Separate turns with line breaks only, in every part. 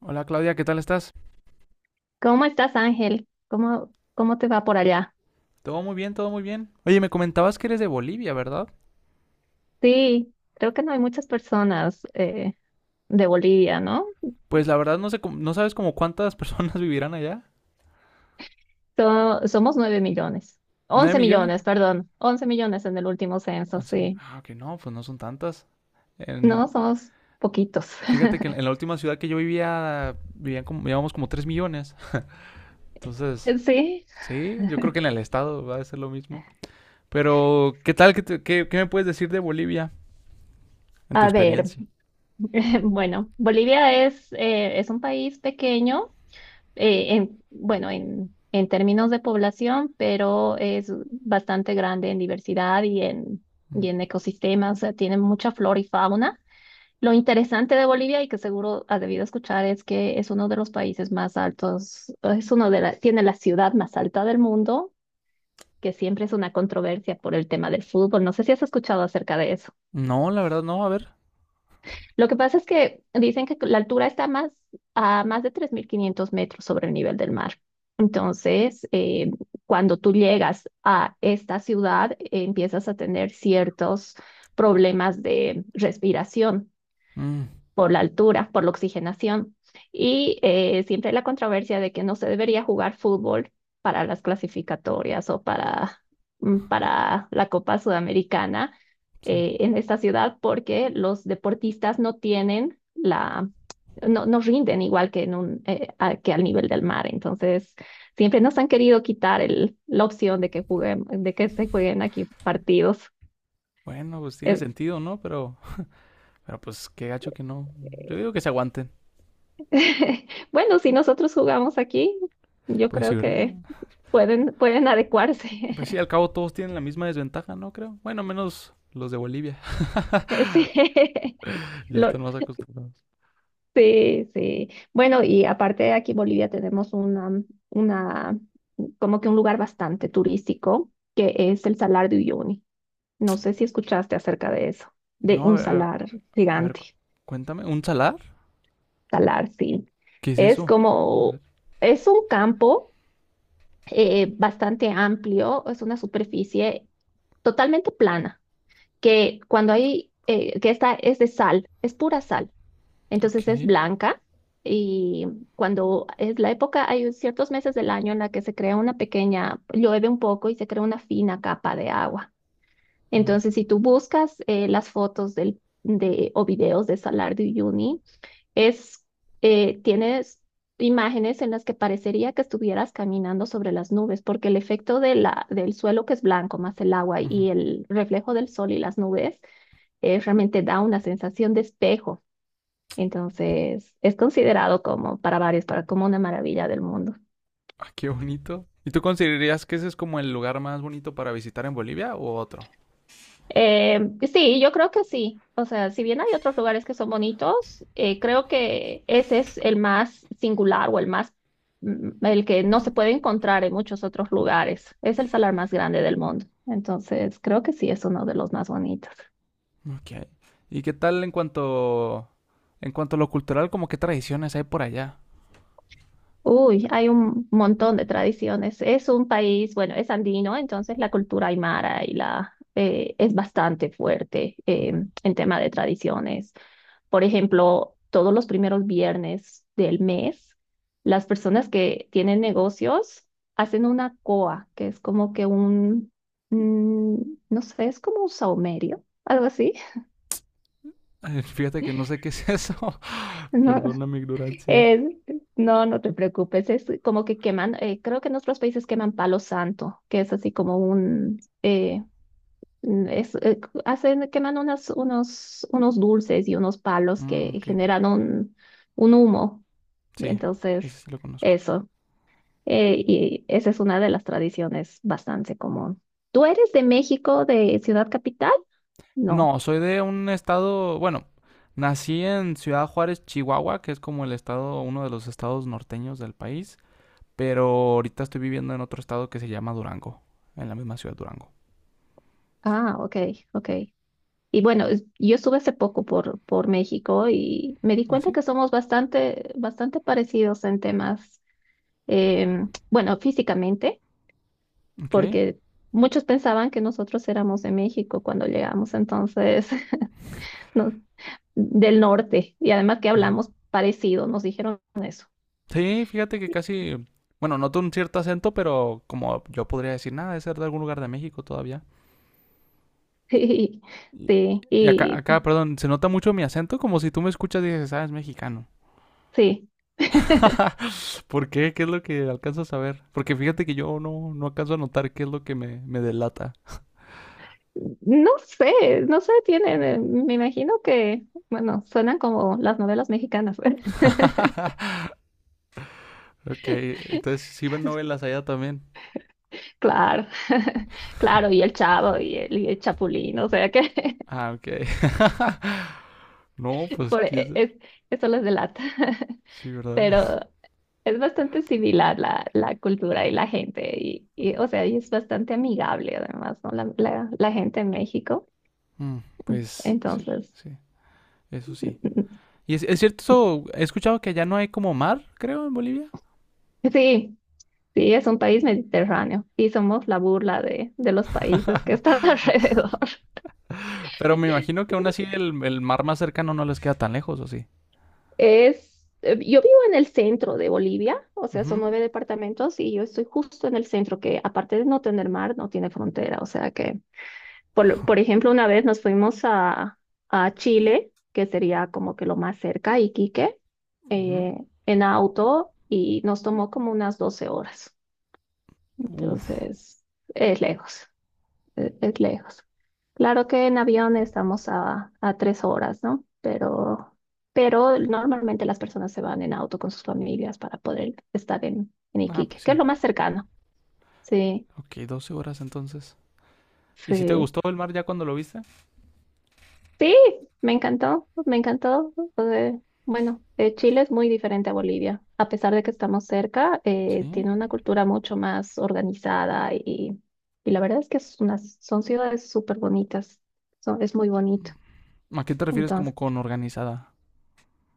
Hola Claudia, ¿qué tal estás?
¿Cómo estás, Ángel? ¿Cómo te va por allá?
Todo muy bien, todo muy bien. Oye, me comentabas que eres de Bolivia, ¿verdad?
Sí, creo que no hay muchas personas de Bolivia, ¿no?
Pues la verdad no sé, no sabes como cuántas personas vivirán allá.
Somos 9 millones,
Nueve
once
millones?
millones, perdón, 11 millones en el último censo,
11 millones.
sí.
Ah, que no, pues no son tantas. En-
No, somos poquitos.
Fíjate que en la última ciudad que yo vivía, vivíamos como 3 millones. Entonces,
Sí,
sí, yo creo que en el estado va a ser lo mismo. Pero, ¿qué tal? ¿Qué me puedes decir de Bolivia en tu
a ver,
experiencia?
bueno, Bolivia es un país pequeño en, bueno, en términos de población, pero es bastante grande en diversidad y en,
Mm.
y en ecosistemas, o sea, tiene mucha flora y fauna. Lo interesante de Bolivia y que seguro has debido escuchar es que es uno de los países más altos, es uno de la, tiene la ciudad más alta del mundo, que siempre es una controversia por el tema del fútbol. No sé si has escuchado acerca de eso.
No, la verdad no, a ver.
Lo que pasa es que dicen que la altura está a más de 3.500 metros sobre el nivel del mar. Entonces, cuando tú llegas a esta ciudad, empiezas a tener ciertos problemas de respiración
Mm,
por la altura, por la oxigenación. Y siempre la controversia de que no se debería jugar fútbol para las clasificatorias o para la Copa Sudamericana
sí.
en esta ciudad porque los deportistas no tienen la, no rinden igual que, que al nivel del mar. Entonces, siempre nos han querido quitar el, la opción de que se jueguen aquí partidos.
Bueno, pues tiene sentido, ¿no? Pero... pero pues qué gacho que no.
Eh,
Yo digo que se aguanten.
Bueno, si nosotros jugamos aquí, yo
Pues sí,
creo
¿verdad?
que pueden adecuarse.
Pues sí, al cabo todos tienen la misma desventaja, ¿no? Creo. Bueno, menos los de Bolivia.
Sí.
Ya
Lo-
están más acostumbrados.
sí, sí. Bueno, y aparte aquí en Bolivia tenemos una, como que un lugar bastante turístico, que es el Salar de Uyuni. No sé si escuchaste acerca de eso, de
No,
un salar
a ver,
gigante.
cuéntame. ¿Un salar?
Salar, sí.
¿Qué es
Es
eso? A
como,
ver,
es un campo bastante amplio, es una superficie totalmente plana que cuando hay, que esta es de sal, es pura sal, entonces es
ok.
blanca y cuando es la época, hay ciertos meses del año en la que se crea una pequeña, llueve un poco y se crea una fina capa de agua.
Mm,
Entonces, si tú buscas las fotos del, de, o videos de Salar de Uyuni, es, tienes imágenes en las que parecería que estuvieras caminando sobre las nubes, porque el efecto de la, del suelo que es blanco más el agua
ujú.
y el reflejo del sol y las nubes realmente da una sensación de espejo. Entonces, es considerado como para varios, para como una maravilla del mundo.
Ah, qué bonito. ¿Y tú considerarías que ese es como el lugar más bonito para visitar en Bolivia o otro?
Eh, sí, yo creo que sí. O sea, si bien hay otros lugares que son bonitos, creo que ese es el más singular o el más, el que no se puede encontrar en muchos otros lugares. Es el salar más grande del mundo. Entonces, creo que sí es uno de los más bonitos.
Ok. ¿Y qué tal en cuanto a lo cultural, como qué tradiciones hay por allá?
Uy, hay un montón de tradiciones. Es un país, bueno, es andino, entonces la cultura aymara y la es bastante fuerte
Mm.
en tema de tradiciones. Por ejemplo, todos los primeros viernes del mes, las personas que tienen negocios hacen una coa, que es como que un, mm, no sé, es como un saumerio, algo así.
Fíjate que no sé qué es eso.
No,
Perdona mi ignorancia.
es- no, no te preocupes, es como que queman, creo que en otros países queman palo santo, que es así como un. Hacen, queman unos dulces y unos palos
Mm,
que
ok.
generan un humo. Y
Sí,
entonces,
ese sí lo conozco.
eso. Y esa es una de las tradiciones bastante común. ¿Tú eres de México, de Ciudad Capital? No.
No, soy de un estado, bueno, nací en Ciudad Juárez, Chihuahua, que es como el estado, uno de los estados norteños del país, pero ahorita estoy viviendo en otro estado que se llama Durango, en la misma ciudad Durango.
Ah, ok, ok. Y bueno, yo estuve hace poco por México y me di
¿Ah,
cuenta
sí?
que somos bastante, bastante parecidos en temas, bueno, físicamente,
Ok.
porque muchos pensaban que nosotros éramos de México cuando llegamos, entonces, no, del norte, y además que
Ajá.
hablamos parecido, nos dijeron eso.
Sí, fíjate que casi, bueno, noto un cierto acento, pero como yo podría decir, nada, de ser de algún lugar de México todavía.
Sí,
Y
sí, y
perdón, se nota mucho mi acento, como si tú me escuchas y dices, ah, es mexicano.
sí.
¿Por qué? ¿Qué es lo que alcanzas a ver? Porque fíjate que yo no alcanzo a notar qué es lo que me delata.
No sé, no sé, me imagino que, bueno, suenan como las novelas mexicanas.
Ok, entonces sí ven novelas allá también.
Claro, claro, y el Chavo y y el Chapulín, o sea que
Ah, ok. No, pues
por, e- es, eso les delata.
sí, ¿verdad?
Pero es bastante similar la cultura y la gente, o sea, y es bastante amigable además, ¿no? La gente en México.
Mm, pues sí,
Entonces,
sí, eso sí. Y es cierto, eso, he escuchado que allá no hay como mar, creo, en Bolivia.
sí, sí, es un país mediterráneo y somos la burla de los países que están alrededor.
Pero me imagino que aún así el mar más cercano no les queda tan lejos, ¿o sí?
Yo vivo en el centro de Bolivia, o sea, son
Ujú,
nueve departamentos y yo estoy justo en el centro, que aparte de no tener mar, no tiene frontera. O sea que, por ejemplo, una vez nos fuimos a Chile, que sería como que lo más cerca, Iquique,
ujú.
eh, en auto y nos tomó como unas 12 horas.
Uf.
Entonces, es lejos, es lejos. Claro que en avión estamos a 3 horas, ¿no? Pero normalmente las personas se van en auto con sus familias para poder estar en
Ah,
Iquique,
pues
que es
sí.
lo más cercano. Sí,
Ok, 12 horas entonces. ¿Y si te
sí,
gustó el mar ya cuando lo viste?
sí, me encantó, me encantó. Bueno, Chile es muy diferente a Bolivia. A pesar de que estamos cerca,
Sí.
tiene una cultura mucho más organizada y la verdad es que es unas, son ciudades súper bonitas. Es muy bonito.
¿A qué te refieres
Entonces.
como con organizada?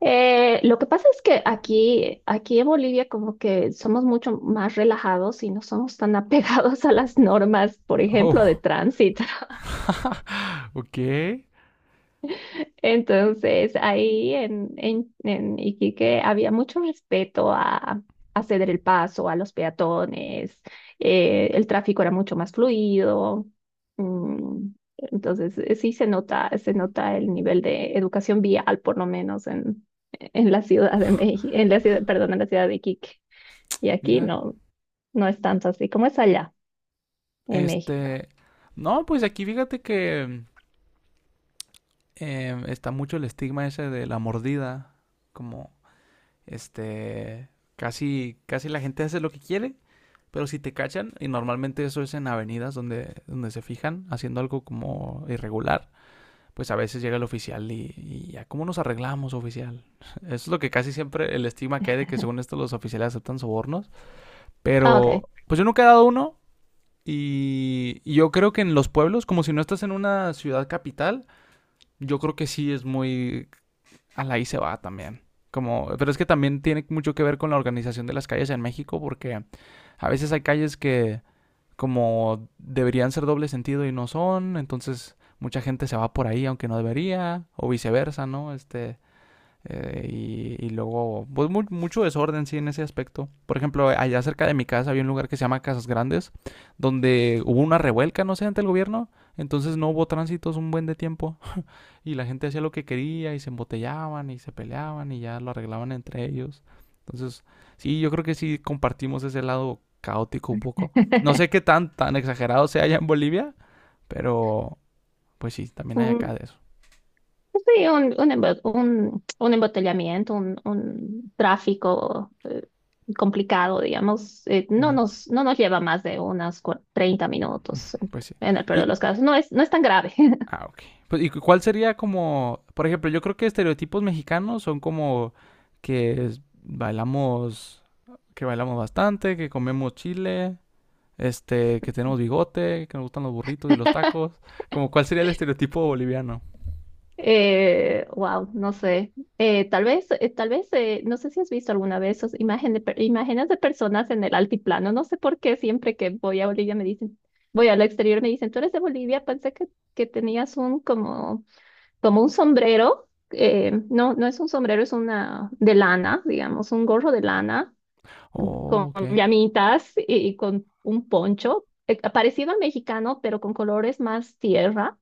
Lo que pasa es que aquí en Bolivia como que somos mucho más relajados y no somos tan apegados a las normas, por ejemplo, de
Oh,
tránsito.
ok.
Entonces, ahí en Iquique había mucho respeto a ceder el paso a los peatones, el tráfico era mucho más fluido. mm, entonces, sí se nota el nivel de educación vial, por lo menos en la Ciudad de México, en la ciudad, perdón, en la ciudad de Iquique. Y aquí
Mira,
no, no es tanto así como es allá en México.
este... No, pues aquí fíjate que está mucho el estigma ese de la mordida. Como, este... casi, casi la gente hace lo que quiere, pero si te cachan, y normalmente eso es en avenidas donde se fijan haciendo algo como irregular, pues a veces llega el oficial y ya, ¿cómo nos arreglamos, oficial? Eso es lo que casi siempre el estigma que hay de que según esto los oficiales aceptan sobornos.
Ah, ok.
Pero, pues yo nunca he dado uno. Y yo creo que en los pueblos, como si no estás en una ciudad capital, yo creo que sí es muy... A la ahí se va también. Como, pero es que también tiene mucho que ver con la organización de las calles en México, porque a veces hay calles que como deberían ser doble sentido y no son, entonces mucha gente se va por ahí aunque no debería, o viceversa, ¿no? Este, luego, pues mu mucho desorden, sí, en ese aspecto. Por ejemplo, allá cerca de mi casa había un lugar que se llama Casas Grandes, donde hubo una revuelca, no sé, ante el gobierno, entonces no hubo tránsitos un buen de tiempo. Y la gente hacía lo que quería y se embotellaban y se peleaban y ya lo arreglaban entre ellos. Entonces, sí, yo creo que sí compartimos ese lado caótico un poco. No sé qué tan, tan exagerado sea allá en Bolivia, pero pues sí, también hay acá
Un-
de eso.
sí, un embotellamiento, un tráfico complicado, digamos, eh, no
Ujú,
nos, no nos lleva más de unas 30 minutos
pues sí.
en el peor de
Y,
los casos. No es tan grave.
ah, ok. Pues, ¿cuál sería como, por ejemplo, yo creo que estereotipos mexicanos son como bailamos, que bailamos bastante, que comemos chile, este, que tenemos bigote, que nos gustan los burritos y los tacos. Como cuál sería el estereotipo boliviano.
Wow, no sé. Tal vez, tal vez, no sé si has visto alguna vez esas imágenes imágenes de personas en el altiplano. No sé por qué siempre que voy a Bolivia me dicen, voy al exterior me dicen, tú eres de Bolivia, pensé que tenías un como, como un sombrero. No, no es un sombrero, es una de lana, digamos, un gorro de lana
Oh,
con
ok.
llamitas y con un poncho, parecido al mexicano, pero con colores más tierra,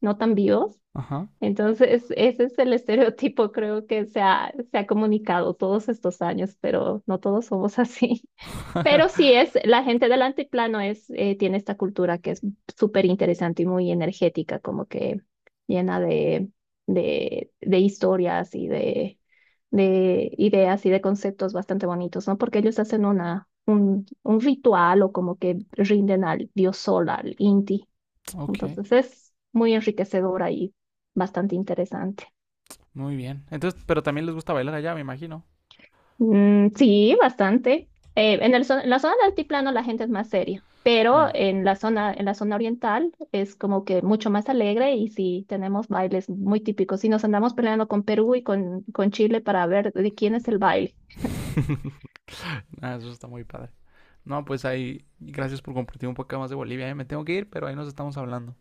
no tan vivos.
Ajá.
Entonces, ese es el estereotipo, creo que se ha comunicado todos estos años, pero no todos somos así. Pero sí es, la gente del antiplano tiene esta cultura que es súper interesante y muy energética, como que llena de historias y de ideas y de conceptos bastante bonitos, ¿no? Porque ellos hacen un ritual o como que rinden al dios Sol, al Inti.
ok.
Entonces es muy enriquecedora y bastante interesante.
Muy bien. Entonces, pero también les gusta bailar allá, me imagino.
Mm, sí, bastante. En la zona del altiplano la gente es más seria, pero
Mm.
en la zona oriental es como que mucho más alegre y sí tenemos bailes muy típicos. Y nos andamos peleando con Perú y con Chile para ver de quién es el baile.
Ah, eso está muy padre. No, pues ahí, gracias por compartir un poco más de Bolivia, ¿eh? Me tengo que ir, pero ahí nos estamos hablando.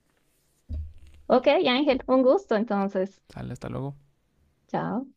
Ok, Ángel, un gusto entonces.
Sale, hasta luego.
Chao.